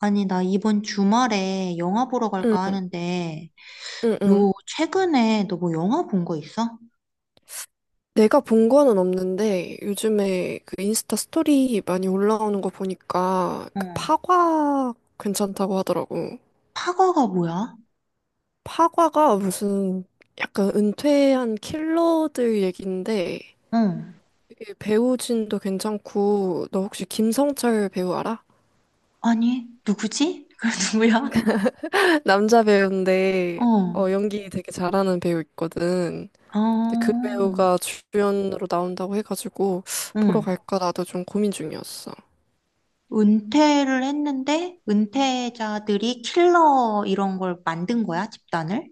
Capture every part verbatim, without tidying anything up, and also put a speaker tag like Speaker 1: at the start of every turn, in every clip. Speaker 1: 아니, 나 이번 주말에 영화 보러 갈까
Speaker 2: 응,
Speaker 1: 하는데,
Speaker 2: 응, 응.
Speaker 1: 요, 최근에 너 뭐 영화 본 거 있어?
Speaker 2: 내가 본 거는 없는데 요즘에 그 인스타 스토리 많이 올라오는 거 보니까 그
Speaker 1: 응.
Speaker 2: 파과 괜찮다고 하더라고.
Speaker 1: 파거가 뭐야?
Speaker 2: 파과가 무슨 약간 은퇴한 킬러들 얘긴데
Speaker 1: 응.
Speaker 2: 이게 배우진도 괜찮고 너 혹시 김성철 배우 알아?
Speaker 1: 아니, 누구지? 그 누구야?
Speaker 2: 남자 배우인데
Speaker 1: 어.
Speaker 2: 어, 연기 되게 잘하는 배우 있거든. 근데 그
Speaker 1: 어.
Speaker 2: 배우가 주연으로 나온다고 해가지고 보러
Speaker 1: 응.
Speaker 2: 갈까 나도 좀 고민 중이었어.
Speaker 1: 은퇴를 했는데, 은퇴자들이 킬러 이런 걸 만든 거야, 집단을?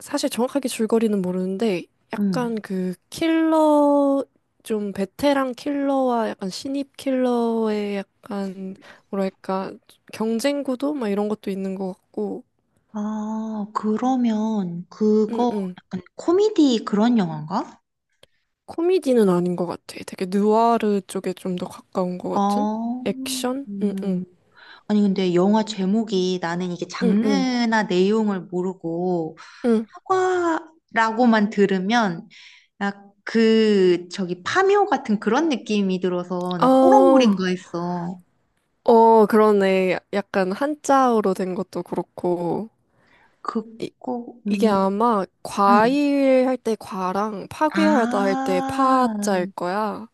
Speaker 2: 사실 정확하게 줄거리는 모르는데
Speaker 1: 응.
Speaker 2: 약간 그 킬러 좀 베테랑 킬러와 약간 신입 킬러의 약간 뭐랄까 경쟁 구도 막 이런 것도 있는 것 같고
Speaker 1: 아, 그러면 그거
Speaker 2: 응응.
Speaker 1: 약간 코미디 그런 영화인가?
Speaker 2: 코미디는 아닌 것 같아 되게 느와르 쪽에 좀 더 가까운 것 같은
Speaker 1: 어.
Speaker 2: 액션. 응응
Speaker 1: 음. 아니, 근데 영화 제목이 나는 이게
Speaker 2: 응응
Speaker 1: 장르나 내용을 모르고
Speaker 2: 응
Speaker 1: 사과라고만 들으면 나 그, 저기 파묘 같은 그런 느낌이 들어서 나 호러물인가
Speaker 2: 어
Speaker 1: 했어.
Speaker 2: 어 그러네. 약간 한자어로 된 것도 그렇고 이,
Speaker 1: 그거,
Speaker 2: 이게
Speaker 1: 음,
Speaker 2: 아마
Speaker 1: 음.
Speaker 2: 과일 할 때 과랑 파괴하다 할 때 파자일
Speaker 1: 아,
Speaker 2: 거야.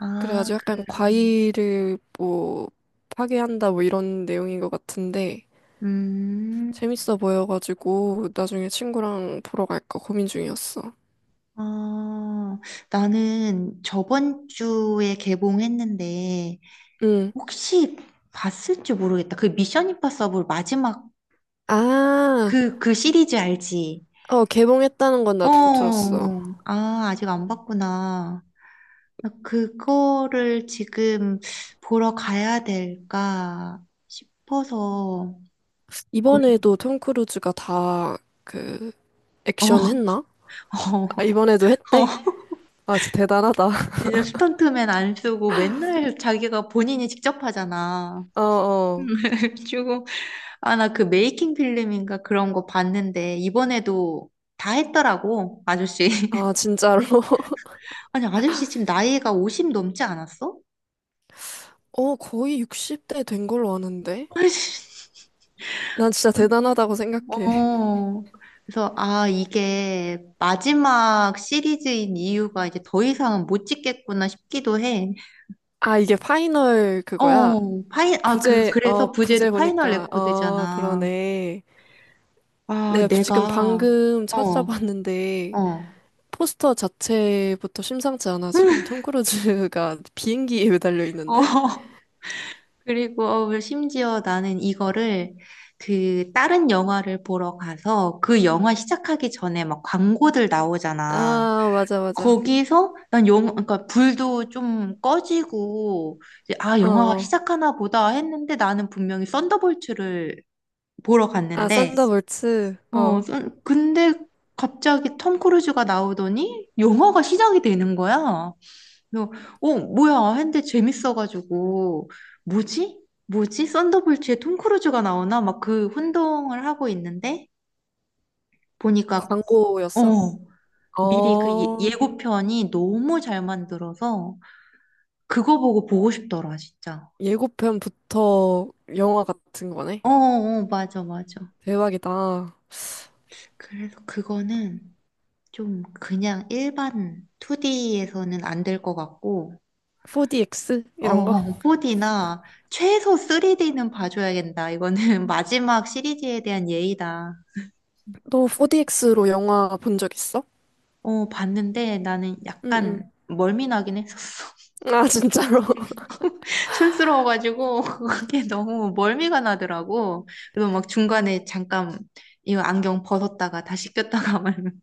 Speaker 1: 아,
Speaker 2: 그래가지고
Speaker 1: 그,
Speaker 2: 약간 과일을 뭐 파괴한다 뭐 이런 내용인 것 같은데
Speaker 1: 음,
Speaker 2: 재밌어 보여가지고 나중에 친구랑 보러 갈까 고민 중이었어.
Speaker 1: 아, 나는 저번 주에 개봉했는데
Speaker 2: 응.
Speaker 1: 혹시 봤을지 모르겠다. 그 미션 임파서블 마지막
Speaker 2: 아,
Speaker 1: 그, 그 시리즈 알지?
Speaker 2: 어, 개봉했다는 건 나도
Speaker 1: 어,
Speaker 2: 들었어.
Speaker 1: 아, 아직 안 봤구나. 나 그거를 지금 보러 가야 될까 싶어서 고민,
Speaker 2: 이번에도 톰 크루즈가 다 그
Speaker 1: 어,
Speaker 2: 액션 했나? 아, 이번에도
Speaker 1: 어,
Speaker 2: 했대.
Speaker 1: 어.
Speaker 2: 아, 진짜 대단하다.
Speaker 1: 이제 스턴트맨 안 쓰고 맨날 자기가 본인이 직접 하잖아.
Speaker 2: 어어.
Speaker 1: 주고, 아, 나 그 메이킹 필름인가 그런 거 봤는데, 이번에도 다 했더라고, 아저씨.
Speaker 2: 아, 진짜로?
Speaker 1: 아니, 아저씨 지금 나이가 오십 넘지 않았어?
Speaker 2: 어, 거의 육십 대 된 걸로 아는데? 난 진짜 대단하다고 생각해.
Speaker 1: 어, 그래서, 아, 이게 마지막 시리즈인 이유가 이제 더 이상은 못 찍겠구나 싶기도 해.
Speaker 2: 아, 이게 파이널 그거야?
Speaker 1: 어, 파이, 아, 그,
Speaker 2: 부제, 어,
Speaker 1: 그래서 부제도
Speaker 2: 부제
Speaker 1: 파이널
Speaker 2: 보니까, 어,
Speaker 1: 레코드잖아.
Speaker 2: 그러네.
Speaker 1: 아,
Speaker 2: 내가 지금
Speaker 1: 내가,
Speaker 2: 방금
Speaker 1: 어,
Speaker 2: 찾아봤는데,
Speaker 1: 어,
Speaker 2: 포스터 자체부터 심상치 않아. 지금 톰 크루즈가 비행기에 매달려 있는데?
Speaker 1: 어. 그리고 심지어 나는 이거를 그 다른 영화를 보러 가서 그 영화 시작하기 전에 막 광고들 나오잖아.
Speaker 2: 아, 맞아, 맞아.
Speaker 1: 거기서 난 영, 그러니까 불도 좀 꺼지고 이제 아
Speaker 2: 어,
Speaker 1: 영화가
Speaker 2: 어.
Speaker 1: 시작하나 보다 했는데 나는 분명히 썬더볼츠를 보러
Speaker 2: 아,
Speaker 1: 갔는데
Speaker 2: 썬더볼츠,
Speaker 1: 어
Speaker 2: 어,
Speaker 1: 썬- 근데 갑자기 톰 크루즈가 나오더니 영화가 시작이 되는 거야. 그래서 어 뭐야 했는데 재밌어가지고 뭐지? 뭐지? 썬더볼츠에 톰 크루즈가 나오나 막 그 혼동을 하고 있는데 보니까
Speaker 2: 광고였어.
Speaker 1: 어 미리 그 예-
Speaker 2: 어,
Speaker 1: 예고편이 너무 잘 만들어서 그거 보고 보고 싶더라, 진짜.
Speaker 2: 예고편부터 영화 같은 거네.
Speaker 1: 어, 어, 맞아, 맞아.
Speaker 2: 대박이다.
Speaker 1: 그래서 그거는 좀 그냥 일반 이디에서는 안 될 것 같고,
Speaker 2: 포디엑스 이런 거?
Speaker 1: 어, 사디나 최소 삼디는 봐줘야겠다. 이거는 마지막 시리즈에 대한 예의다.
Speaker 2: 너 포디엑스로 영화 본 적 있어?
Speaker 1: 어, 봤는데 나는 약간
Speaker 2: 응응.
Speaker 1: 멀미 나긴 했었어.
Speaker 2: 아 진짜로?
Speaker 1: 촌스러워가지고 그게 너무 멀미가 나더라고. 그래서 막 중간에 잠깐 이거 안경 벗었다가 다시 꼈다가 말면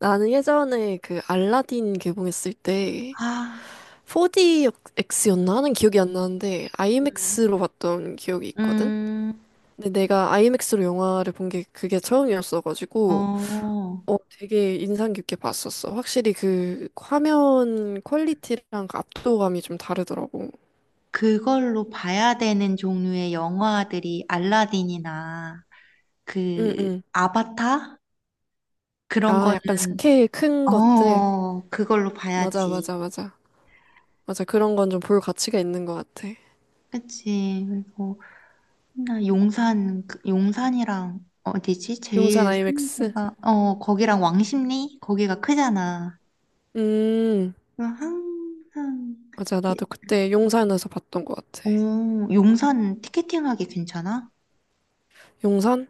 Speaker 2: 나는 예전에 그 알라딘 개봉했을 때
Speaker 1: 아,
Speaker 2: 포디엑스였나 하는 기억이 안 나는데
Speaker 1: 음.
Speaker 2: 아이맥스로 봤던 기억이 있거든.
Speaker 1: 음,
Speaker 2: 근데 내가 아이맥스로 영화를 본 게 그게 처음이었어가지고
Speaker 1: 어,
Speaker 2: 어 되게 인상 깊게 봤었어. 확실히 그 화면 퀄리티랑 그 압도감이 좀 다르더라고.
Speaker 1: 그걸로 봐야 되는 종류의 영화들이 알라딘이나 그
Speaker 2: 응응.
Speaker 1: 아바타? 그런
Speaker 2: 아
Speaker 1: 거는,
Speaker 2: 약간 스케일 큰 것들.
Speaker 1: 어, 그걸로
Speaker 2: 맞아
Speaker 1: 봐야지.
Speaker 2: 맞아 맞아. 맞아, 그런 건 좀 볼 가치가 있는 것 같아.
Speaker 1: 그치. 그리고 나 용산, 그 용산이랑 어디지?
Speaker 2: 용산
Speaker 1: 제일 큰
Speaker 2: 아이맥스?
Speaker 1: 데가, 어, 거기랑 왕십리? 거기가 크잖아.
Speaker 2: 음,
Speaker 1: 그래서 항상,
Speaker 2: 맞아, 나도 그때 용산에서 봤던 것 같아.
Speaker 1: 오, 용산 티켓팅 하기 괜찮아?
Speaker 2: 용산?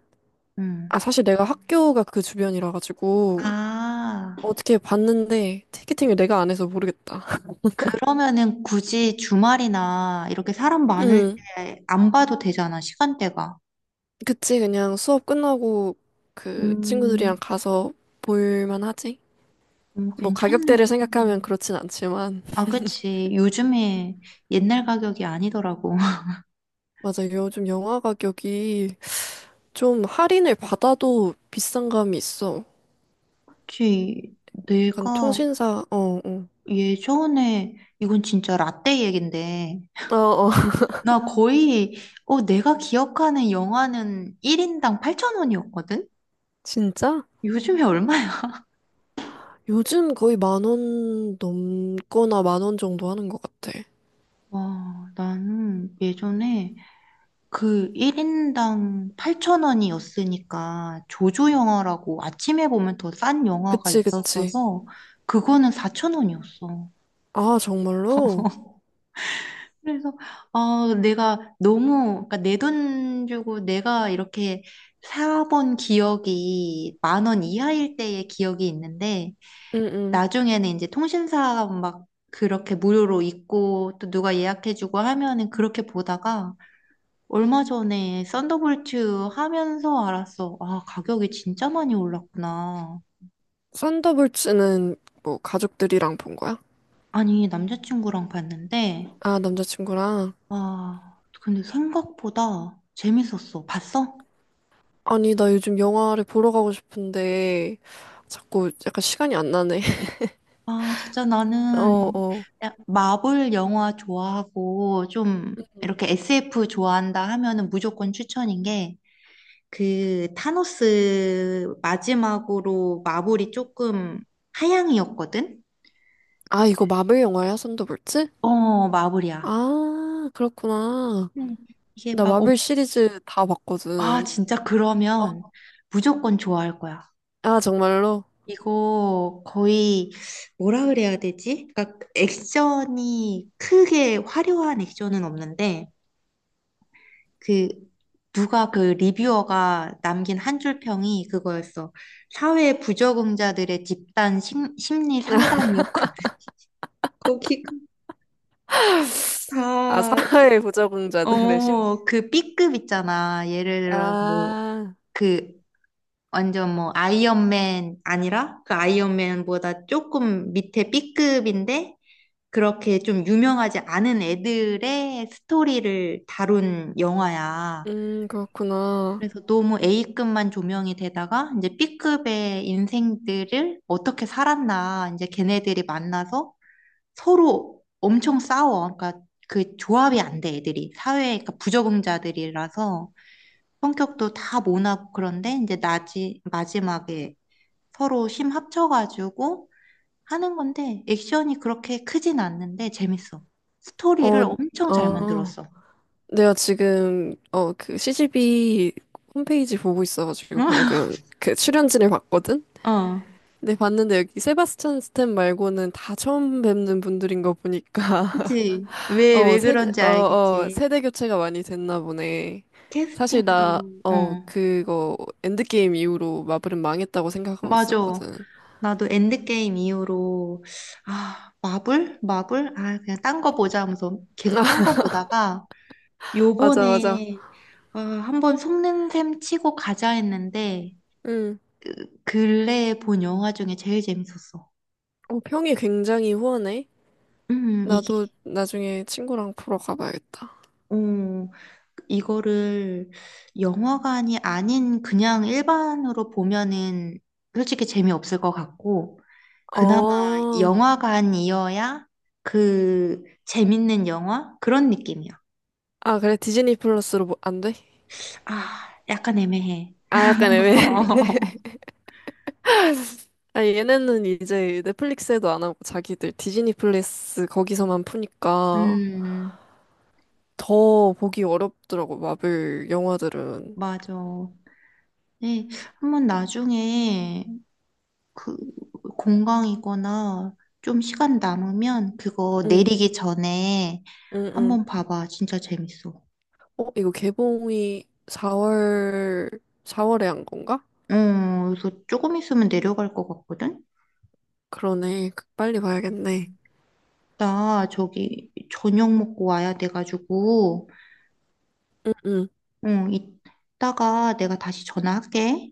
Speaker 2: 아,
Speaker 1: 응.
Speaker 2: 사실 내가 학교가 그 주변이라 가지고
Speaker 1: 아.
Speaker 2: 어떻게 봤는데 티켓팅을 내가 안 해서 모르겠다.
Speaker 1: 그러면은 굳이 주말이나 이렇게 사람 많을
Speaker 2: 음,
Speaker 1: 때 안 봐도 되잖아, 시간대가.
Speaker 2: 그치, 그냥 수업 끝나고 그
Speaker 1: 음,
Speaker 2: 친구들이랑 가서 볼만 하지?
Speaker 1: 음,
Speaker 2: 뭐 가격대를
Speaker 1: 괜찮네.
Speaker 2: 생각하면 그렇진 않지만.
Speaker 1: 아, 그치. 요즘에 옛날 가격이 아니더라고.
Speaker 2: 맞아, 요즘 영화 가격이 좀 할인을 받아도 비싼 감이 있어.
Speaker 1: 그치.
Speaker 2: 약간
Speaker 1: 내가
Speaker 2: 통신사, 어, 어.
Speaker 1: 예전에, 이건 진짜 라떼 얘긴데,
Speaker 2: 어, 어,
Speaker 1: 나 거의, 어, 내가 기억하는 영화는 일 인당 팔천 원이었거든?
Speaker 2: 진짜?
Speaker 1: 요즘에 얼마야?
Speaker 2: 요즘 거의 만 원 넘거나 만 원 정도 하는 것 같아.
Speaker 1: 와, 나는 예전에 그 일 인당 팔천 원이었으니까 조조 영화라고 아침에 보면 더 싼 영화가
Speaker 2: 그치, 그치.
Speaker 1: 있었어서 그거는 사천 원이었어.
Speaker 2: 아, 정말로?
Speaker 1: 그래서 아 내가 너무 그러니까 내 돈 주고 내가 이렇게 사본 기억이 만 원 이하일 때의 기억이 있는데
Speaker 2: 응, 응.
Speaker 1: 나중에는 이제 통신사 막 그렇게 무료로 있고 또 누가 예약해주고 하면은 그렇게 보다가 얼마 전에 썬더볼트 하면서 알았어. 아, 가격이 진짜 많이 올랐구나.
Speaker 2: 썬더볼츠는 뭐 가족들이랑 본 거야?
Speaker 1: 아니, 남자친구랑 봤는데,
Speaker 2: 아, 남자친구랑?
Speaker 1: 아, 근데 생각보다 재밌었어. 봤어?
Speaker 2: 아니, 나 요즘 영화를 보러 가고 싶은데 자꾸 약간 시간이 안 나네.
Speaker 1: 아, 진짜
Speaker 2: 어,
Speaker 1: 나는
Speaker 2: 어.
Speaker 1: 야- 마블 영화 좋아하고 좀 이렇게 에스에프 좋아한다 하면은 무조건 추천인 게 그 타노스 마지막으로 마블이 조금 하향이었거든?
Speaker 2: 아, 이거 마블 영화야, 썬더볼츠?
Speaker 1: 어, 마블이야.
Speaker 2: 아, 그렇구나.
Speaker 1: 네. 이게
Speaker 2: 나
Speaker 1: 막
Speaker 2: 마블 시리즈 다
Speaker 1: 아,
Speaker 2: 봤거든.
Speaker 1: 진짜
Speaker 2: 어,
Speaker 1: 그러면 무조건 좋아할 거야.
Speaker 2: 아, 정말로?
Speaker 1: 이거 거의 뭐라 그래야 되지? 그러니까 액션이 크게 화려한 액션은 없는데 그 누가 그 리뷰어가 남긴 한 줄 평이 그거였어. 사회 부적응자들의 집단 심, 심리 상담이었거든. 거기가
Speaker 2: 아,
Speaker 1: 다,
Speaker 2: 사회 부적응자들의 심리.
Speaker 1: 어, 그 B급 있잖아. 예를 들어, 뭐,
Speaker 2: 아,
Speaker 1: 그 완전 뭐 아이언맨 아니라 그 아이언맨보다 조금 밑에 B급인데 그렇게 좀 유명하지 않은 애들의 스토리를 다룬 영화야.
Speaker 2: 음, 그렇구나.
Speaker 1: 그래서 너무 A급만 조명이 되다가 이제 B급의 인생들을 어떻게 살았나 이제 걔네들이 만나서 서로 엄청 싸워. 그러니까 그 조합이 안 돼, 애들이. 사회, 그러니까 부적응자들이라서 성격도 다 모나고 그런데 이제 나지, 마지막에 서로 힘 합쳐가지고 하는 건데 액션이 그렇게 크진 않는데 재밌어. 스토리를
Speaker 2: 어,
Speaker 1: 엄청 잘
Speaker 2: 어,
Speaker 1: 만들었어.
Speaker 2: 내가 지금, 어, 그 씨 지 비 홈페이지 보고 있어가지고 방금 그 출연진을 봤거든?
Speaker 1: 어,
Speaker 2: 근데 봤는데 여기 세바스찬 스탠 말고는 다 처음 뵙는 분들인 거 보니까,
Speaker 1: 그치. 왜,
Speaker 2: 어,
Speaker 1: 왜
Speaker 2: 세대,
Speaker 1: 그런지
Speaker 2: 어, 어,
Speaker 1: 알겠지.
Speaker 2: 세대 교체가 많이 됐나 보네. 사실
Speaker 1: 캐스팅도,
Speaker 2: 나, 어,
Speaker 1: 어,
Speaker 2: 그거 엔드게임 이후로 마블은 망했다고 생각하고
Speaker 1: 맞아.
Speaker 2: 있었거든.
Speaker 1: 나도 엔드게임 이후로, 아, 마블? 마블? 아, 그냥 딴 거 보자 하면서 계속 딴 거 보다가,
Speaker 2: 맞아, 맞아.
Speaker 1: 요번에, 아, 한번 속는 셈 치고 가자 했는데,
Speaker 2: 음.
Speaker 1: 근래에 본 영화 중에 제일 재밌었어.
Speaker 2: 어, 평이 굉장히 후원해?
Speaker 1: 음, 이게,
Speaker 2: 나도 나중에 친구랑 보러 가봐야겠다.
Speaker 1: 어, 이거를 영화관이 아닌 그냥 일반으로 보면은 솔직히 재미없을 것 같고, 그나마
Speaker 2: 어,
Speaker 1: 영화관이어야 그 재밌는 영화? 그런 느낌이야.
Speaker 2: 아, 그래, 디즈니 플러스로 뭐, 안 돼?
Speaker 1: 아, 약간 애매해.
Speaker 2: 아, 약간 애매해. 아, 얘네는 이제 넷플릭스에도 안 하고 자기들 디즈니 플러스 거기서만 푸니까
Speaker 1: 음,
Speaker 2: 더 보기 어렵더라고, 마블 영화들은.
Speaker 1: 맞아. 네, 한번 나중에 그 공강이거나 좀 시간 남으면 그거
Speaker 2: 응,
Speaker 1: 내리기 전에
Speaker 2: 응, 응.
Speaker 1: 한번 봐봐. 진짜 재밌어. 어,
Speaker 2: 어, 이거 개봉이 사월, 사월에 한 건가?
Speaker 1: 그래서 조금 있으면 내려갈 것 같거든?
Speaker 2: 그러네. 빨리 봐야겠네.
Speaker 1: 나 저기 저녁 먹고 와야 돼가지고,
Speaker 2: 응, 응,
Speaker 1: 응, 이따가 내가 다시 전화할게.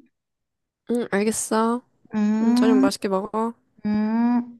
Speaker 2: 응, 알겠어. 응, 저녁
Speaker 1: 음,
Speaker 2: 맛있게 먹어.
Speaker 1: 음.